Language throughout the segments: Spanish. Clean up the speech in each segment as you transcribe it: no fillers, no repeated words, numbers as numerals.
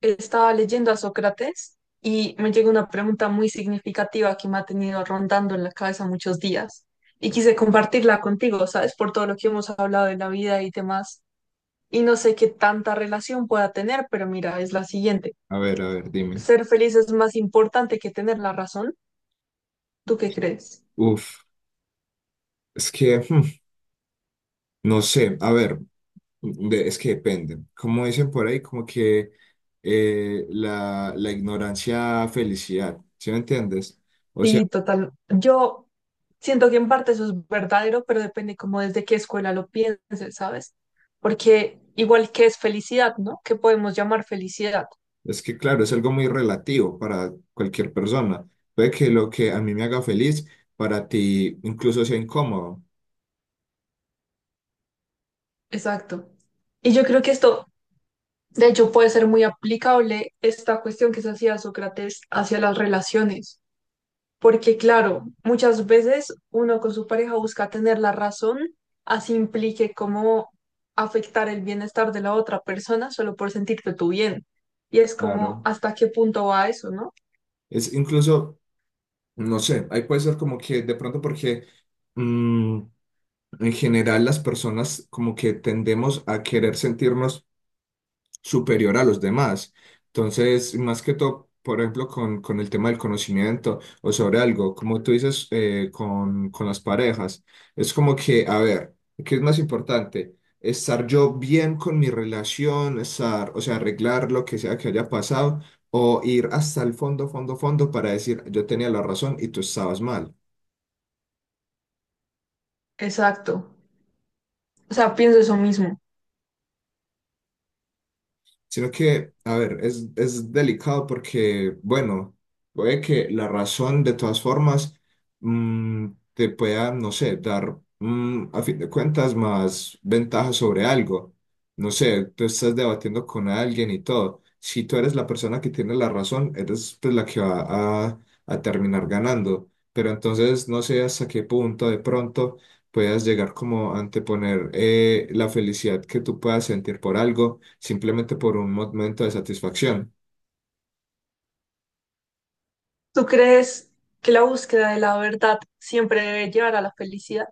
Estaba leyendo a Sócrates y me llegó una pregunta muy significativa que me ha tenido rondando en la cabeza muchos días y quise compartirla contigo, ¿sabes? Por todo lo que hemos hablado de la vida y demás. Y no sé qué tanta relación pueda tener, pero mira, es la siguiente. A ver, dime. ¿Ser feliz es más importante que tener la razón? ¿Tú qué crees? Uf, es que, no sé, a ver, es que depende. Como dicen por ahí, como que la ignorancia, felicidad, ¿sí me entiendes? O Sí, sea, total. Yo siento que en parte eso es verdadero, pero depende como desde qué escuela lo pienses, ¿sabes? Porque igual que es felicidad, ¿no? ¿Qué podemos llamar felicidad? es que claro, es algo muy relativo para cualquier persona. Puede que lo que a mí me haga feliz, para ti incluso sea incómodo. Exacto. Y yo creo que esto, de hecho, puede ser muy aplicable esta cuestión que se hacía Sócrates hacia las relaciones, porque claro, muchas veces uno con su pareja busca tener la razón, así implique cómo afectar el bienestar de la otra persona solo por sentirte tú bien. Y es como, Claro. ¿hasta qué punto va eso, no? Es incluso, no sé, ahí puede ser como que de pronto mm, en general, las personas como que tendemos a querer sentirnos superior a los demás. Entonces, más que todo, por ejemplo, con el tema del conocimiento o sobre algo, como tú dices, con las parejas, es como que, a ver, ¿qué es más importante? Estar yo bien con mi relación, estar, o sea, arreglar lo que sea que haya pasado, o ir hasta el fondo, fondo, fondo para decir, yo tenía la razón y tú estabas mal. Exacto. O sea, pienso eso mismo. Sino que, a ver, es delicado porque, bueno, puede que la razón de todas formas mm, te pueda, no sé, dar, a fin de cuentas, más ventajas sobre algo. No sé, tú estás debatiendo con alguien y todo. Si tú eres la persona que tiene la razón, eres, pues, la que va a terminar ganando. Pero entonces no sé hasta qué punto de pronto puedas llegar como a anteponer la felicidad que tú puedas sentir por algo simplemente por un momento de satisfacción. ¿Tú crees que la búsqueda de la verdad siempre debe llevar a la felicidad,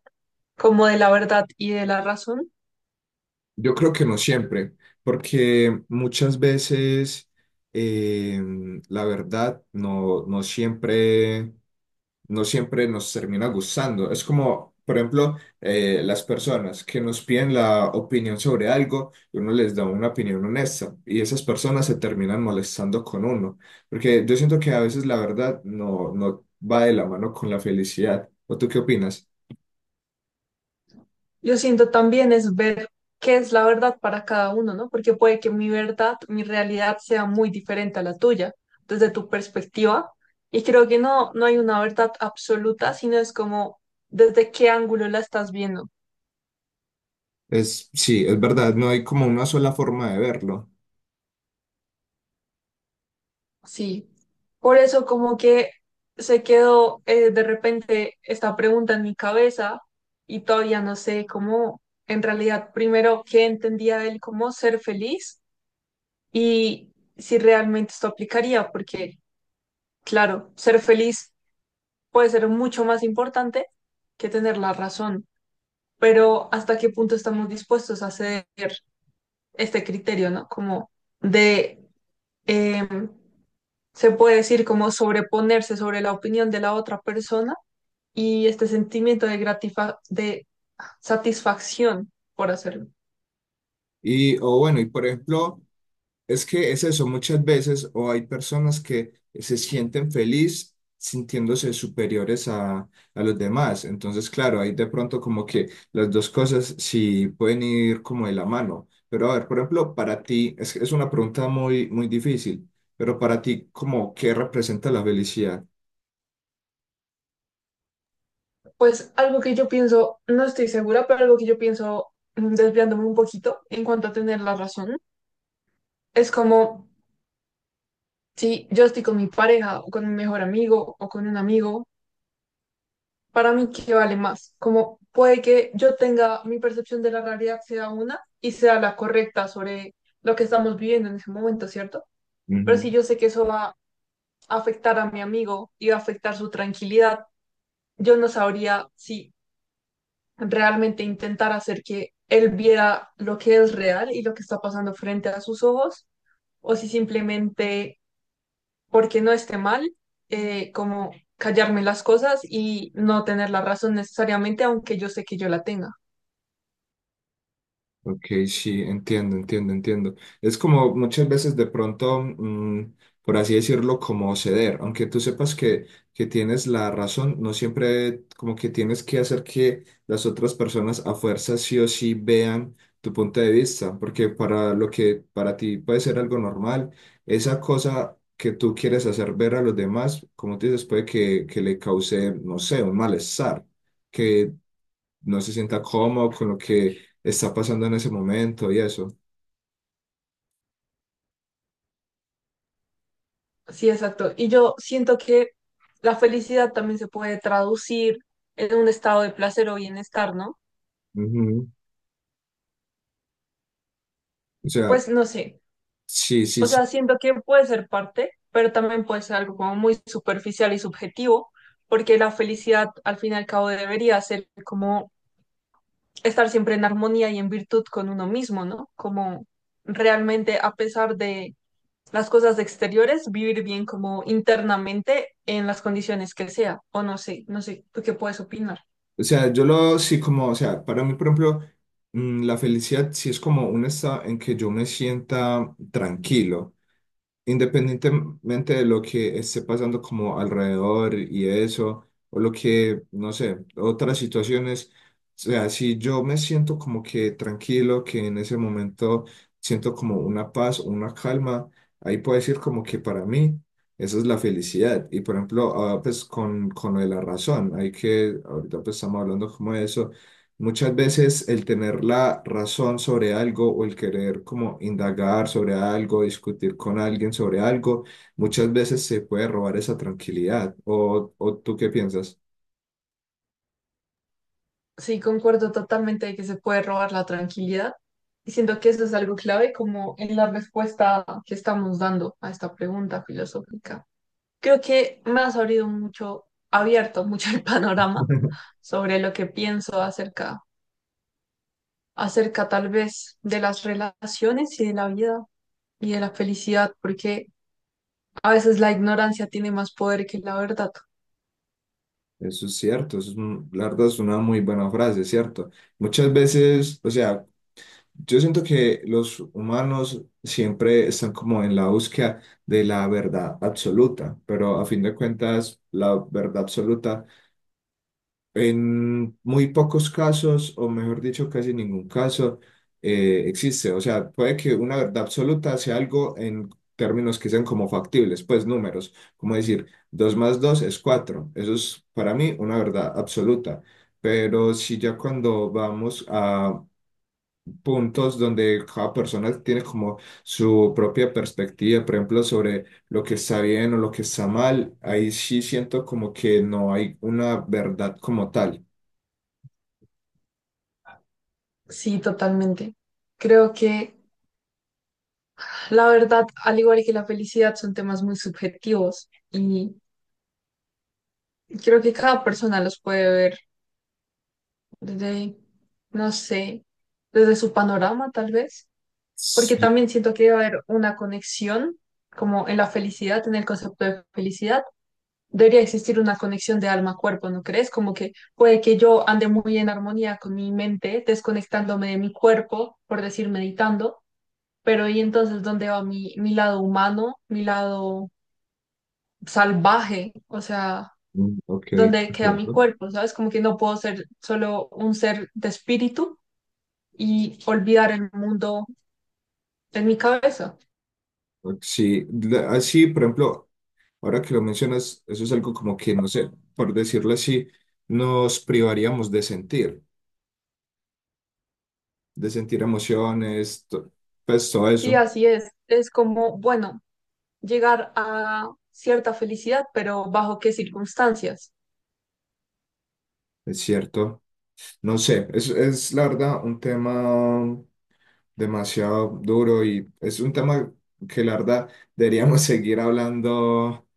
como de la verdad y de la razón? Yo creo que no siempre, porque muchas veces eh, la verdad no siempre nos termina gustando. Es como, por ejemplo, las personas que nos piden la opinión sobre algo, y uno les da una opinión honesta, y esas personas se terminan molestando con uno, porque yo siento que a veces la verdad no va de la mano con la felicidad. ¿O tú qué opinas? Yo siento también es ver qué es la verdad para cada uno, ¿no? Porque puede que mi verdad, mi realidad sea muy diferente a la tuya, desde tu perspectiva. Y creo que no, no hay una verdad absoluta, sino es como desde qué ángulo la estás viendo. Sí, es verdad, no hay como una sola forma de verlo. Sí. Por eso como que se quedó de repente esta pregunta en mi cabeza y todavía no sé cómo, en realidad, primero, qué entendía él como ser feliz y si realmente esto aplicaría, porque... Claro, ser feliz puede ser mucho más importante que tener la razón, pero ¿hasta qué punto estamos dispuestos a hacer este criterio, ¿no? Como de, eh, se puede decir, como sobreponerse sobre la opinión de la otra persona y este sentimiento de de satisfacción por hacerlo. Y, o bueno, y por ejemplo. Es que es eso, muchas veces, o hay personas que se sienten feliz sintiéndose superiores a los demás. Entonces, claro, ahí de pronto como que las dos cosas sí pueden ir como de la mano. Pero a ver, por ejemplo, para ti, es una pregunta muy, muy difícil, pero para ti, como, ¿qué representa la felicidad? Pues algo que yo pienso, no estoy segura, pero algo que yo pienso desviándome un poquito en cuanto a tener la razón, es como si yo estoy con mi pareja o con mi mejor amigo o con un amigo, para mí, ¿qué vale más? Como puede que yo tenga mi percepción de la realidad sea una y sea la correcta sobre lo que estamos viviendo en ese momento, ¿cierto? Pero si yo sé que eso va a afectar a mi amigo y va a afectar su tranquilidad, yo no sabría si realmente intentar hacer que él viera lo que es real y lo que está pasando frente a sus ojos o si simplemente porque no esté mal, como callarme las cosas y no tener la razón necesariamente, aunque yo sé que yo la tenga. Ok, sí, entiendo, entiendo, entiendo. Es como muchas veces de pronto, por así decirlo, como ceder, aunque tú sepas que tienes la razón, no siempre como que tienes que hacer que las otras personas a fuerza sí o sí vean tu punto de vista, porque para lo que para ti puede ser algo normal, esa cosa que tú quieres hacer ver a los demás, como te dices, puede que le cause, no sé, un malestar, que no se sienta cómodo con lo que está pasando en ese momento y eso. Sí, exacto. Y yo siento que la felicidad también se puede traducir en un estado de placer o bienestar, ¿no? Ujú. O sea, Pues no sé. sí, sí, O sí. sea, siento que puede ser parte, pero también puede ser algo como muy superficial y subjetivo, porque la felicidad al fin y al cabo debería ser como estar siempre en armonía y en virtud con uno mismo, ¿no? Como realmente a pesar de las cosas exteriores, vivir bien como internamente en las condiciones que sea, o no sé, no sé, ¿tú qué puedes opinar? O sea, yo lo sí como, o sea, para mí, por ejemplo, la felicidad sí es como un estado en que yo me sienta tranquilo, independientemente de lo que esté pasando como alrededor y eso, o lo que, no sé, otras situaciones. O sea, si yo me siento como que tranquilo, que en ese momento siento como una paz, una calma, ahí puedo decir como que para mí esa es la felicidad. Y por ejemplo, ahora pues con lo de la razón, hay que, ahorita pues estamos hablando como de eso. Muchas veces el tener la razón sobre algo o el querer como indagar sobre algo, discutir con alguien sobre algo, muchas veces se puede robar esa tranquilidad. ¿O tú qué piensas? Sí, concuerdo totalmente de que se puede robar la tranquilidad y siento que eso es algo clave como en la respuesta que estamos dando a esta pregunta filosófica. Creo que me has abrido mucho, abierto mucho el panorama sobre lo que pienso acerca, acerca tal vez de las relaciones y de la vida y de la felicidad, porque a veces la ignorancia tiene más poder que la verdad. Eso es cierto, eso es, la verdad es una muy buena frase, ¿cierto? Muchas veces, o sea, yo siento que los humanos siempre están como en la búsqueda de la verdad absoluta, pero a fin de cuentas, la verdad absoluta en muy pocos casos, o mejor dicho, casi ningún caso, existe. O sea, puede que una verdad absoluta sea algo en términos que sean como factibles, pues números, como decir, 2 más 2 es cuatro. Eso es para mí una verdad absoluta. Pero si ya cuando vamos a puntos donde cada persona tiene como su propia perspectiva, por ejemplo, sobre lo que está bien o lo que está mal, ahí sí siento como que no hay una verdad como tal. Sí, totalmente. Creo que la verdad, al igual que la felicidad, son temas muy subjetivos y creo que cada persona los puede ver desde, no sé, desde su panorama tal vez, porque Sí, también siento que debe haber una conexión como en la felicidad, en el concepto de felicidad debería existir una conexión de alma-cuerpo, ¿no crees? Como que puede que yo ande muy en armonía con mi mente, desconectándome de mi cuerpo, por decir, meditando, pero ¿y entonces dónde va mi lado humano, mi lado salvaje? O sea, ok, ¿dónde queda mi entiendo. cuerpo? ¿Sabes? Como que no puedo ser solo un ser de espíritu y olvidar el mundo en mi cabeza. Ok, sí, así, por ejemplo, ahora que lo mencionas, eso es algo como que, no sé, por decirlo así, nos privaríamos de sentir, emociones, pues todo Sí, eso, así es. Es como, bueno, llegar a cierta felicidad, pero ¿bajo qué circunstancias? es cierto. No sé, es la verdad un tema demasiado duro, y es un tema que la verdad deberíamos seguir hablando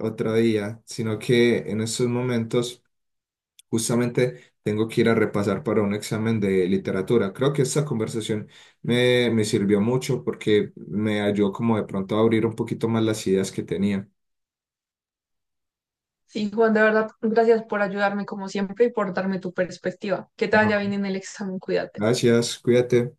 otro día, sino que en estos momentos, justamente tengo que ir a repasar para un examen de literatura. Creo que esta conversación me sirvió mucho porque me ayudó como de pronto a abrir un poquito más las ideas que tenía. Sí, Juan, de verdad, gracias por ayudarme como siempre y por darme tu perspectiva. Que te vaya bien No. en el examen, cuídate. Gracias, cuídate.